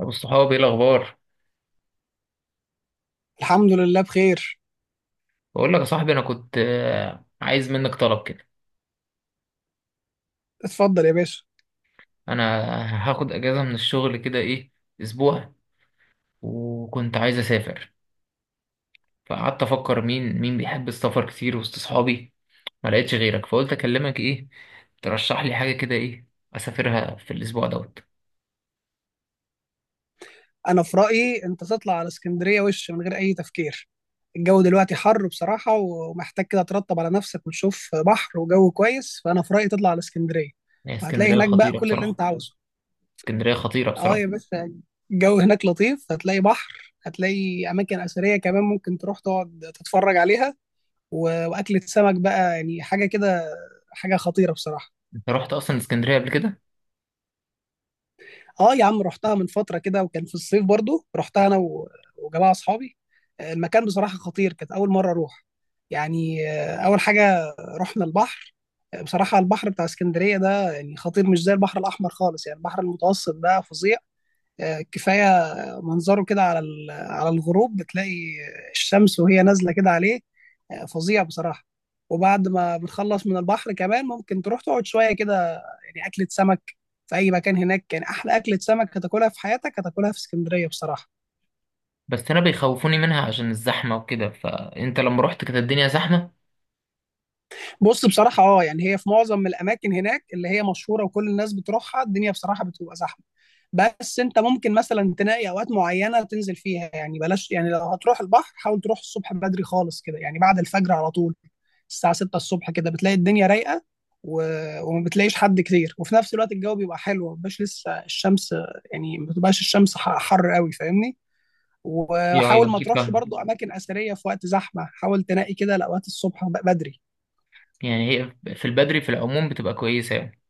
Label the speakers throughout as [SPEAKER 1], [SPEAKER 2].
[SPEAKER 1] ابو الصحاب، ايه الاخبار؟
[SPEAKER 2] الحمد لله بخير.
[SPEAKER 1] بقول لك يا صاحبي، انا كنت عايز منك طلب كده.
[SPEAKER 2] اتفضل يا باشا.
[SPEAKER 1] انا هاخد اجازه من الشغل كده ايه، اسبوع. وكنت عايز اسافر. فقعدت افكر مين مين بيحب السفر كتير وسط اصحابي، ما لقيتش غيرك. فقلت اكلمك، ايه ترشح لي حاجه كده، ايه اسافرها في الاسبوع دوت.
[SPEAKER 2] انا في رايي انت تطلع على اسكندريه وش من غير اي تفكير. الجو دلوقتي حر بصراحه، ومحتاج كده ترطب على نفسك وتشوف بحر وجو كويس، فانا في رايي تطلع على اسكندريه.
[SPEAKER 1] هي
[SPEAKER 2] وهتلاقي
[SPEAKER 1] اسكندريه
[SPEAKER 2] هناك بقى
[SPEAKER 1] خطيره
[SPEAKER 2] كل اللي
[SPEAKER 1] بصراحه.
[SPEAKER 2] انت عاوزه.
[SPEAKER 1] اسكندريه خطيره
[SPEAKER 2] اه
[SPEAKER 1] بصراحه.
[SPEAKER 2] يا باشا، الجو هناك لطيف، هتلاقي بحر، هتلاقي اماكن اثريه كمان ممكن تروح تقعد تتفرج عليها. واكله سمك بقى يعني حاجه كده، حاجه خطيره بصراحه.
[SPEAKER 1] انت رحت اصلا اسكندريه قبل كده؟
[SPEAKER 2] اه يا عم، رحتها من فتره كده، وكان في الصيف برضو رحتها انا وجماعه اصحابي. المكان بصراحه خطير، كانت اول مره اروح. يعني اول حاجه رحنا البحر. بصراحه البحر بتاع اسكندريه ده يعني خطير، مش زي البحر الاحمر خالص، يعني البحر المتوسط ده فظيع. كفايه منظره كده على على الغروب، بتلاقي الشمس وهي نازله كده عليه. فظيع بصراحه. وبعد ما بتخلص من البحر كمان ممكن تروح تقعد شويه كده، يعني اكله سمك في اي مكان هناك. يعني احلى اكله سمك هتاكلها في حياتك هتاكلها في اسكندريه بصراحه.
[SPEAKER 1] بس انا بيخوفوني منها عشان الزحمه وكده، فانت لما رحت كانت الدنيا زحمه؟
[SPEAKER 2] بص بصراحة اه، يعني هي في معظم الأماكن هناك اللي هي مشهورة وكل الناس بتروحها الدنيا بصراحة بتبقى زحمة. بس أنت ممكن مثلا تلاقي أوقات معينة تنزل فيها، يعني بلاش، يعني لو هتروح البحر حاول تروح الصبح بدري خالص كده، يعني بعد الفجر على طول. الساعة 6 الصبح كده بتلاقي الدنيا رايقة، و... وما بتلاقيش حد كتير، وفي نفس الوقت الجو بيبقى حلو، ما بيبقاش لسه الشمس، يعني ما بتبقاش الشمس حر قوي، فاهمني.
[SPEAKER 1] يا ايوه،
[SPEAKER 2] وحاول ما
[SPEAKER 1] اكيد
[SPEAKER 2] تروحش
[SPEAKER 1] فاهم.
[SPEAKER 2] برضو أماكن أثرية في وقت زحمة، حاول تنقي كده لأوقات الصبح بدري.
[SPEAKER 1] يعني هي في البدري في العموم بتبقى كويسة يعني.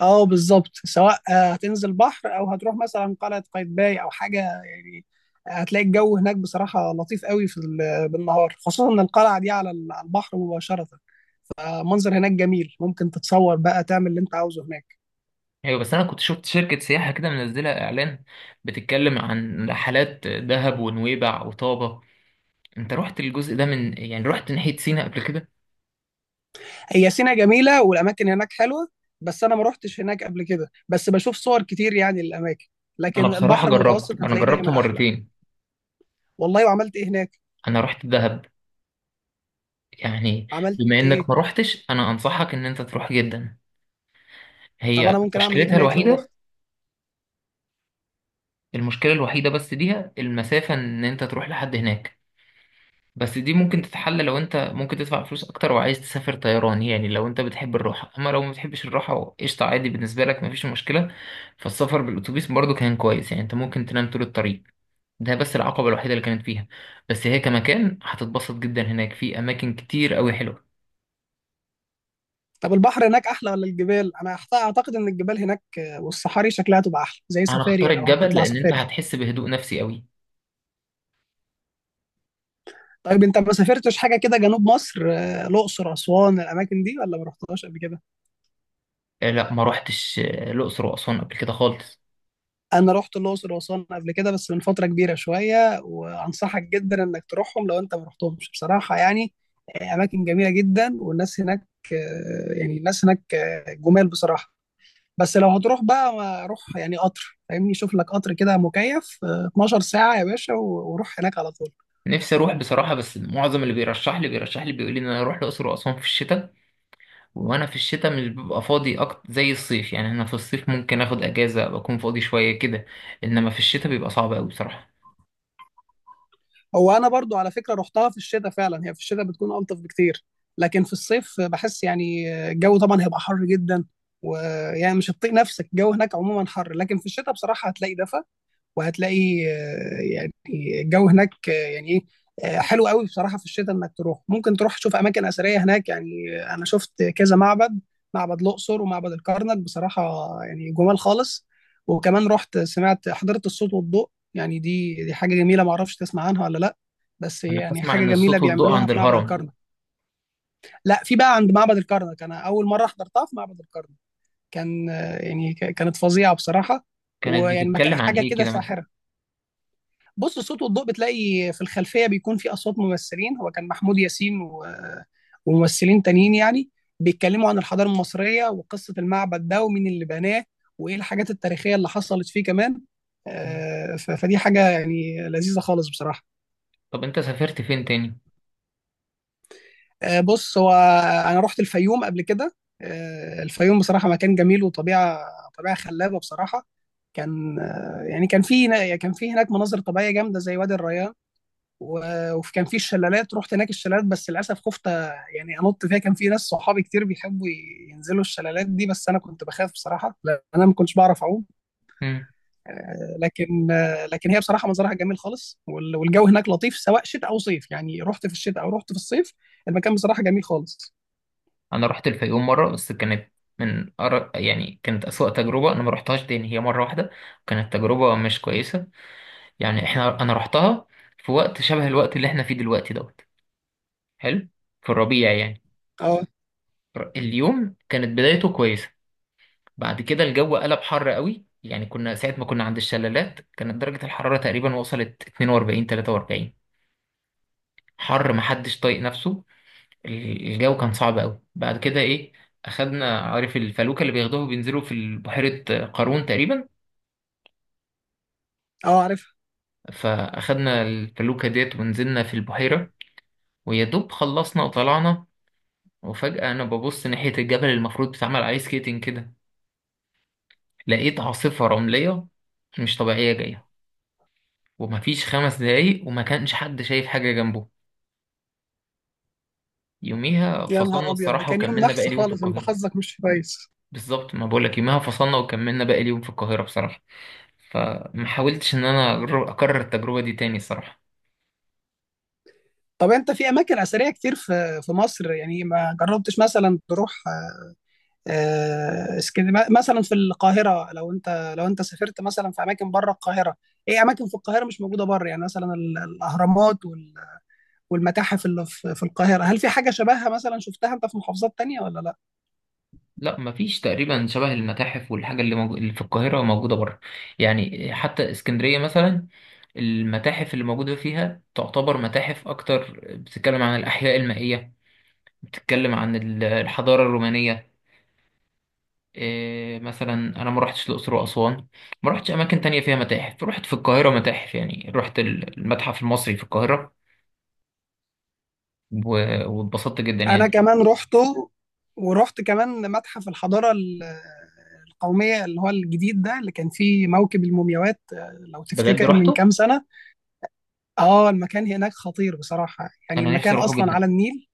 [SPEAKER 2] اه بالظبط، سواء هتنزل بحر او هتروح مثلا قلعه قايتباي او حاجه يعني. هتلاقي الجو هناك بصراحه لطيف قوي في بالنهار، خصوصا ان القلعه دي على على البحر مباشره. منظر هناك جميل، ممكن تتصور بقى تعمل اللي انت عاوزه هناك.
[SPEAKER 1] ايوه، بس انا كنت شفت شركة سياحة كده منزلة اعلان بتتكلم عن رحلات دهب ونويبع وطابة. انت رحت الجزء ده، من يعني رحت ناحية سينا قبل كده؟
[SPEAKER 2] هي سينا جميله والاماكن هناك حلوه، بس انا ما روحتش هناك قبل كده، بس بشوف صور كتير يعني للاماكن.
[SPEAKER 1] انا
[SPEAKER 2] لكن
[SPEAKER 1] بصراحة
[SPEAKER 2] البحر
[SPEAKER 1] جربت،
[SPEAKER 2] المتوسط
[SPEAKER 1] انا
[SPEAKER 2] هتلاقيه
[SPEAKER 1] جربت
[SPEAKER 2] دايما احلى.
[SPEAKER 1] مرتين.
[SPEAKER 2] والله، وعملت ايه هناك؟
[SPEAKER 1] انا رحت دهب يعني.
[SPEAKER 2] عملت
[SPEAKER 1] بما
[SPEAKER 2] ايه؟
[SPEAKER 1] انك ما رحتش، انا انصحك ان انت تروح جدا.
[SPEAKER 2] طب
[SPEAKER 1] هي
[SPEAKER 2] انا ممكن اعمل ايه
[SPEAKER 1] مشكلتها
[SPEAKER 2] هناك لو
[SPEAKER 1] الوحيدة،
[SPEAKER 2] رحت؟
[SPEAKER 1] المشكلة الوحيدة بس ليها المسافة ان انت تروح لحد هناك. بس دي ممكن تتحل لو انت ممكن تدفع فلوس اكتر وعايز تسافر طيران، يعني لو انت بتحب الراحه. اما لو ما بتحبش الراحه قشطه عادي، بالنسبه لك مفيش مشكله. فالسفر بالاتوبيس برضو كان كويس، يعني انت ممكن تنام طول الطريق. ده بس العقبه الوحيده اللي كانت فيها. بس هي كمكان هتتبسط جدا، هناك في اماكن كتير قوي حلوه.
[SPEAKER 2] طب البحر هناك احلى ولا الجبال؟ انا اعتقد ان الجبال هناك، والصحاري شكلها تبقى احلى، زي
[SPEAKER 1] انا اختار
[SPEAKER 2] سفاري لو
[SPEAKER 1] الجبل
[SPEAKER 2] هتطلع
[SPEAKER 1] لان انت
[SPEAKER 2] سفاري.
[SPEAKER 1] هتحس بهدوء نفسي قوي.
[SPEAKER 2] طيب انت ما سافرتش حاجه كده جنوب مصر، الاقصر اسوان الاماكن دي، ولا ما رحتهاش قبل كده؟
[SPEAKER 1] لا، ما روحتش الاقصر واسوان قبل كده خالص.
[SPEAKER 2] انا رحت الاقصر واسوان قبل كده، بس من فتره كبيره شويه، وانصحك جدا انك تروحهم لو انت ما رحتهمش بصراحه، يعني اماكن جميله جدا، والناس هناك يعني الناس هناك جمال بصراحه. بس لو هتروح بقى، روح يعني قطر، فاهمني، شوف لك قطر كده مكيف، 12 ساعة يا باشا، وروح هناك على طول.
[SPEAKER 1] نفسي اروح بصراحه، بس معظم اللي بيرشح لي بيقول لي ان انا اروح الاقصر واسوان في الشتاء. وانا في الشتاء مش ببقى فاضي اكتر زي الصيف، يعني انا في الصيف ممكن اخد اجازه، بكون فاضي شويه كده. انما في الشتاء بيبقى صعب قوي بصراحه.
[SPEAKER 2] هو أنا برضو على فكرة رحتها في الشتاء فعلا، هي في الشتاء بتكون ألطف بكتير، لكن في الصيف بحس يعني الجو طبعا هيبقى حر جدا، ويعني مش هتطيق نفسك، الجو هناك عموما حر، لكن في الشتاء بصراحة هتلاقي دفى. وهتلاقي يعني الجو هناك يعني ايه، حلو قوي بصراحه في الشتاء انك تروح، ممكن تروح تشوف اماكن اثريه هناك، يعني انا شفت كذا معبد، معبد الاقصر ومعبد الكرنك بصراحه، يعني جمال خالص. وكمان رحت سمعت حضرت الصوت والضوء. يعني دي حاجه جميله، ما اعرفش تسمع عنها ولا لا، بس هي
[SPEAKER 1] انا
[SPEAKER 2] يعني
[SPEAKER 1] اسمع
[SPEAKER 2] حاجه
[SPEAKER 1] ان
[SPEAKER 2] جميله
[SPEAKER 1] الصوت والضوء
[SPEAKER 2] بيعملوها
[SPEAKER 1] عند
[SPEAKER 2] في معبد
[SPEAKER 1] الهرم.
[SPEAKER 2] الكرنك. لا، في بقى عند معبد الكرنك، انا اول مره حضرتها في معبد الكرنك. كان يعني كانت فظيعه بصراحه.
[SPEAKER 1] كانت
[SPEAKER 2] ويعني
[SPEAKER 1] بتتكلم عن
[SPEAKER 2] حاجه
[SPEAKER 1] ايه
[SPEAKER 2] كده
[SPEAKER 1] كده مثلا؟
[SPEAKER 2] ساحره. بص، الصوت والضوء بتلاقي في الخلفيه بيكون في اصوات ممثلين، هو كان محمود ياسين وممثلين تانيين يعني، بيتكلموا عن الحضاره المصريه وقصه المعبد ده ومين اللي بناه، وايه الحاجات التاريخيه اللي حصلت فيه كمان.
[SPEAKER 1] مم.
[SPEAKER 2] فدي حاجه يعني لذيذه خالص بصراحه.
[SPEAKER 1] طب انت سافرت فين تاني؟
[SPEAKER 2] بص هو، انا رحت الفيوم قبل كده. الفيوم بصراحه مكان جميل وطبيعه، طبيعه خلابه بصراحه. كان يعني كان في، كان في هناك مناظر طبيعيه جامده زي وادي الريان. وكان في الشلالات، رحت هناك الشلالات، بس للاسف خفت يعني انط فيها. كان في ناس صحابي كتير بيحبوا ينزلوا الشلالات دي، بس انا كنت بخاف بصراحه لان انا ما كنتش بعرف اعوم.
[SPEAKER 1] مم.
[SPEAKER 2] لكن لكن هي بصراحه منظرها جميل خالص، والجو هناك لطيف سواء شتاء او صيف، يعني رحت في الشتاء او رحت في الصيف، المكان بصراحه جميل خالص.
[SPEAKER 1] انا رحت الفيوم مره، بس كانت يعني كانت اسوأ تجربه، انا ما رحتهاش تاني، هي مره واحده. كانت تجربه مش كويسه. يعني انا رحتها في وقت شبه الوقت اللي احنا فيه دلوقتي دوت. حلو، في الربيع يعني.
[SPEAKER 2] اه.
[SPEAKER 1] اليوم كانت بدايته كويسه، بعد كده الجو قلب حر قوي. يعني كنا ساعة ما كنا عند الشلالات كانت درجة الحرارة تقريبا وصلت 42 43. حر محدش طايق نفسه. الجو كان صعب قوي. بعد كده ايه، اخدنا عارف الفلوكة اللي بياخدوها بينزلوا في بحيرة قارون تقريبا.
[SPEAKER 2] اه عارف.
[SPEAKER 1] فاخدنا الفلوكة ديت ونزلنا في البحيرة. ويا دوب خلصنا وطلعنا. وفجأة انا ببص ناحية الجبل المفروض بيتعمل عليه سكيتنج كده، لقيت عاصفة رملية مش طبيعية جاية. ومفيش 5 دقايق وما كانش حد شايف حاجة جنبه. يوميها
[SPEAKER 2] يا نهار
[SPEAKER 1] فصلنا
[SPEAKER 2] ابيض، ده
[SPEAKER 1] الصراحة
[SPEAKER 2] كان يوم
[SPEAKER 1] وكملنا باقي
[SPEAKER 2] نحس
[SPEAKER 1] اليوم في
[SPEAKER 2] خالص، انت
[SPEAKER 1] القاهرة.
[SPEAKER 2] حظك مش كويس.
[SPEAKER 1] بالظبط ما بقولك، يوميها فصلنا وكملنا باقي اليوم في القاهرة بصراحة. فما حاولتش إن أنا أكرر التجربة دي تاني الصراحة.
[SPEAKER 2] طب انت في اماكن اثريه كتير في مصر، يعني ما جربتش مثلا تروح اسكندريه مثلا؟ في القاهره، لو انت سافرت مثلا في اماكن بره القاهره، ايه اماكن في القاهره مش موجوده بره، يعني مثلا الاهرامات والمتاحف اللي في القاهره، هل في حاجه شبهها مثلا شفتها انت في محافظات تانية ولا لا؟
[SPEAKER 1] لا، مفيش تقريبا شبه المتاحف والحاجة اللي في القاهرة موجودة بره. يعني حتى اسكندرية مثلا، المتاحف اللي موجودة فيها تعتبر متاحف أكتر بتتكلم عن الأحياء المائية، بتتكلم عن الحضارة الرومانية. إيه مثلا انا ما رحتش الاقصر واسوان، ما رحتش اماكن تانية فيها متاحف. رحت في القاهره متاحف، يعني رحت المتحف المصري في القاهره، واتبسطت جدا
[SPEAKER 2] انا
[SPEAKER 1] يعني.
[SPEAKER 2] كمان رحته، ورحت كمان متحف الحضاره القوميه، اللي هو الجديد ده اللي كان فيه موكب المومياوات، لو
[SPEAKER 1] بجد
[SPEAKER 2] تفتكر من
[SPEAKER 1] رحته،
[SPEAKER 2] كام سنه. اه، المكان هناك خطير بصراحه، يعني
[SPEAKER 1] انا نفسي
[SPEAKER 2] المكان
[SPEAKER 1] اروحه
[SPEAKER 2] اصلا
[SPEAKER 1] جدا.
[SPEAKER 2] على النيل.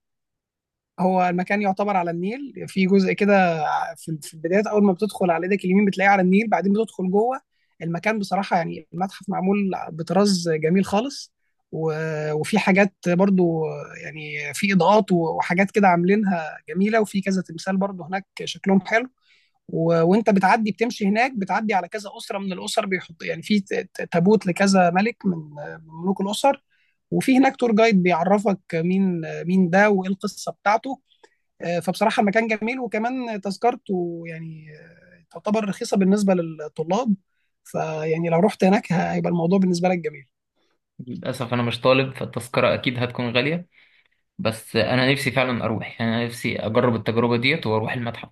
[SPEAKER 2] هو المكان يعتبر على النيل في جزء كده، في البدايات اول ما بتدخل على ايدك اليمين بتلاقيه على النيل، بعدين بتدخل جوه. المكان بصراحه يعني المتحف معمول بطراز جميل خالص. وفي حاجات برضو، يعني في اضاءات وحاجات كده عاملينها جميله، وفي كذا تمثال برضو هناك شكلهم حلو. وانت بتعدي بتمشي هناك بتعدي على كذا اسره من الاسر، بيحط يعني في تابوت لكذا ملك من ملوك الاسر، وفي هناك تور جايد بيعرفك مين مين ده وايه القصه بتاعته. فبصراحة المكان جميل، وكمان تذكرته يعني تعتبر رخيصة بالنسبة للطلاب، فيعني لو رحت هناك هيبقى الموضوع بالنسبة لك جميل.
[SPEAKER 1] للاسف انا مش طالب، فالتذكره اكيد هتكون غاليه. بس انا نفسي فعلا اروح، يعني انا نفسي اجرب التجربه ديت واروح المتحف.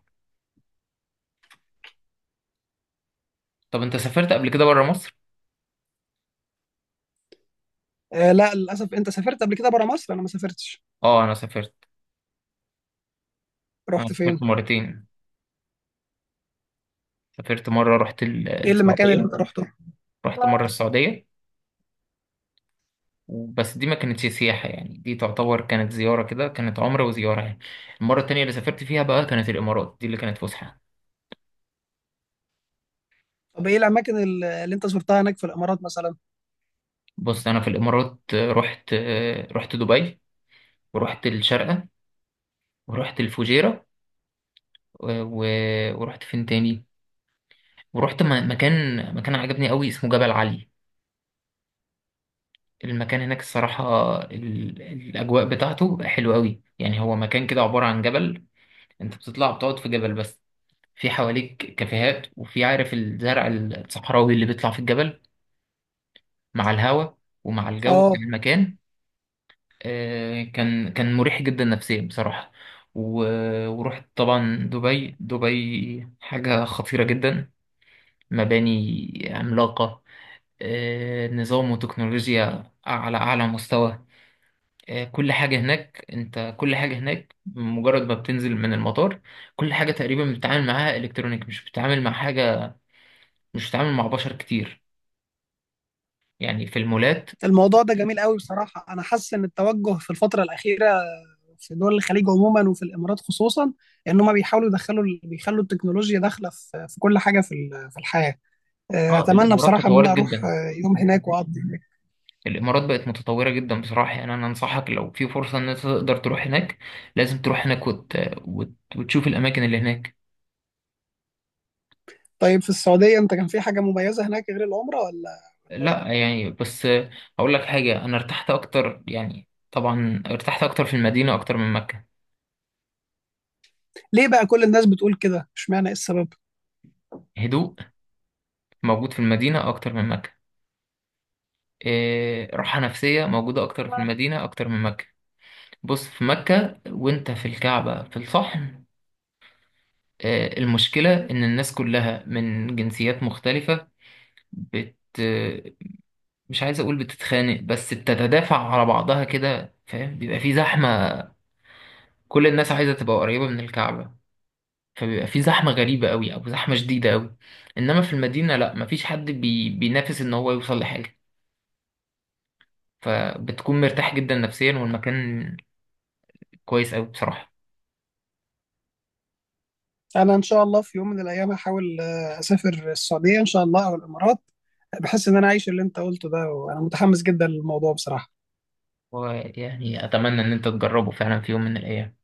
[SPEAKER 1] طب انت سافرت قبل كده بره مصر؟
[SPEAKER 2] لا للأسف، أنت سافرت قبل كده برا مصر، أنا ما سافرتش.
[SPEAKER 1] اه انا سافرت. انا
[SPEAKER 2] رحت
[SPEAKER 1] سافرت
[SPEAKER 2] فين؟
[SPEAKER 1] مرتين. سافرت مره رحت
[SPEAKER 2] إيه المكان اللي
[SPEAKER 1] السعوديه.
[SPEAKER 2] أنت رحته؟
[SPEAKER 1] رحت مره السعوديه. بس دي ما كانتش سياحة، يعني دي تعتبر كانت زيارة كده، كانت عمرة وزيارة يعني. المرة التانية اللي سافرت فيها بقى كانت الإمارات، دي اللي كانت فسحة.
[SPEAKER 2] طب إيه الأماكن اللي أنت زرتها هناك في الإمارات مثلا؟
[SPEAKER 1] بص أنا في الإمارات، رحت دبي، ورحت الشارقة، ورحت الفجيرة. ورحت فين تاني؟ ورحت مكان عجبني قوي اسمه جبل علي. المكان هناك الصراحة، الأجواء بتاعته حلوة قوي، يعني هو مكان كده عبارة عن جبل. أنت بتطلع بتقعد في جبل بس، في حواليك كافيهات وفي عارف الزرع الصحراوي اللي بيطلع في الجبل مع الهواء ومع الجو بتاع
[SPEAKER 2] آه،
[SPEAKER 1] المكان. كان مريح جدا نفسيا بصراحة. ورحت طبعا دبي. دبي حاجة خطيرة جدا، مباني عملاقة. نظام وتكنولوجيا على أعلى مستوى. كل حاجة هناك، انت كل حاجة هناك مجرد ما بتنزل من المطار كل حاجة تقريبا بتتعامل معاها الكترونيك، مش بتتعامل مع حاجة، مش بتتعامل مع بشر كتير، يعني في المولات.
[SPEAKER 2] الموضوع ده جميل قوي بصراحة، أنا حاسس إن التوجه في الفترة الأخيرة في دول الخليج عموما وفي الإمارات خصوصا، إن هم بيحاولوا يدخلوا بيخلوا التكنولوجيا داخلة في كل حاجة في في الحياة.
[SPEAKER 1] اه
[SPEAKER 2] اتمنى
[SPEAKER 1] الامارات
[SPEAKER 2] بصراحه ان
[SPEAKER 1] تطورت
[SPEAKER 2] انا اروح
[SPEAKER 1] جدا،
[SPEAKER 2] يوم هناك واقضي هناك.
[SPEAKER 1] الامارات بقت متطوره جدا بصراحه. يعني انا انصحك لو في فرصه ان انت تقدر تروح هناك، لازم تروح هناك وتشوف الاماكن اللي هناك.
[SPEAKER 2] طيب في السعوديه انت كان في حاجه مميزه هناك غير العمره ولا؟ ولا لا؟
[SPEAKER 1] لا يعني بس، اقول لك حاجه، انا ارتحت اكتر، يعني طبعا ارتحت اكتر في المدينه اكتر من مكه.
[SPEAKER 2] ليه بقى كل الناس بتقول كده، اشمعنى، ايه السبب؟
[SPEAKER 1] هدوء موجود في المدينه اكتر من مكه، إيه راحه نفسيه موجوده اكتر في المدينه اكتر من مكه. بص في مكه، وانت في الكعبه في الصحن، المشكلة إن الناس كلها من جنسيات مختلفة، بت مش عايز أقول بتتخانق، بس بتتدافع على بعضها كده، فاهم؟ بيبقى في زحمة، كل الناس عايزة تبقى قريبة من الكعبة، فبيبقى في زحمة غريبة أوي أو زحمة شديدة أوي. إنما في المدينة لأ، مفيش حد بينافس إن هو يوصل لحاجة. فبتكون مرتاح جدا نفسيا، والمكان كويس أوي بصراحة.
[SPEAKER 2] انا ان شاء الله في يوم من الايام هحاول اسافر السعوديه ان شاء الله او الامارات. بحس ان انا عايش اللي انت قلته ده، وانا متحمس جدا للموضوع بصراحه.
[SPEAKER 1] ويعني أتمنى إن أنت تجربه فعلا في يوم من الأيام.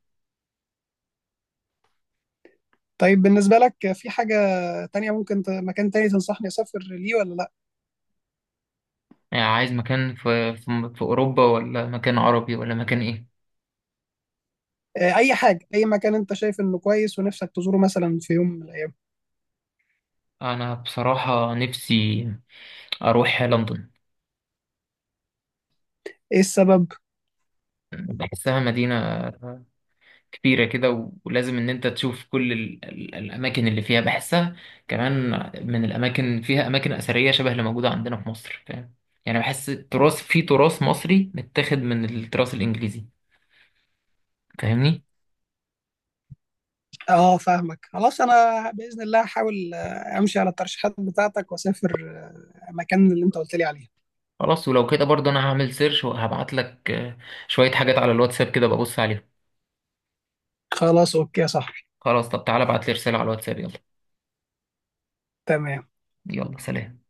[SPEAKER 2] طيب بالنسبه لك في حاجه تانية ممكن مكان تاني تنصحني اسافر ليه ولا لا؟
[SPEAKER 1] يعني عايز مكان في أوروبا، ولا مكان عربي، ولا مكان إيه؟
[SPEAKER 2] اي حاجه، اي مكان انت شايف انه كويس ونفسك تزوره مثلا في يوم من الايام.
[SPEAKER 1] أنا بصراحة نفسي أروح لندن.
[SPEAKER 2] ايه السبب؟
[SPEAKER 1] بحسها مدينة كبيرة كده، ولازم إن أنت تشوف كل ال ال الأماكن اللي فيها. بحسها كمان من الأماكن فيها أماكن أثرية شبه اللي موجودة عندنا في مصر، فاهم؟ يعني بحس التراث، في تراث مصري متاخد من التراث الإنجليزي، فاهمني؟
[SPEAKER 2] اه فاهمك، خلاص انا باذن الله هحاول امشي على الترشيحات بتاعتك واسافر المكان اللي انت قلت لي عليه.
[SPEAKER 1] خلاص، ولو كده برضه أنا هعمل سيرش وهبعت لك شوية حاجات على الواتساب، كده ببص عليهم.
[SPEAKER 2] خلاص اوكي يا صاحبي.
[SPEAKER 1] خلاص، طب تعالى ابعت لي رسالة على الواتساب يلا.
[SPEAKER 2] تمام.
[SPEAKER 1] يلا سلام.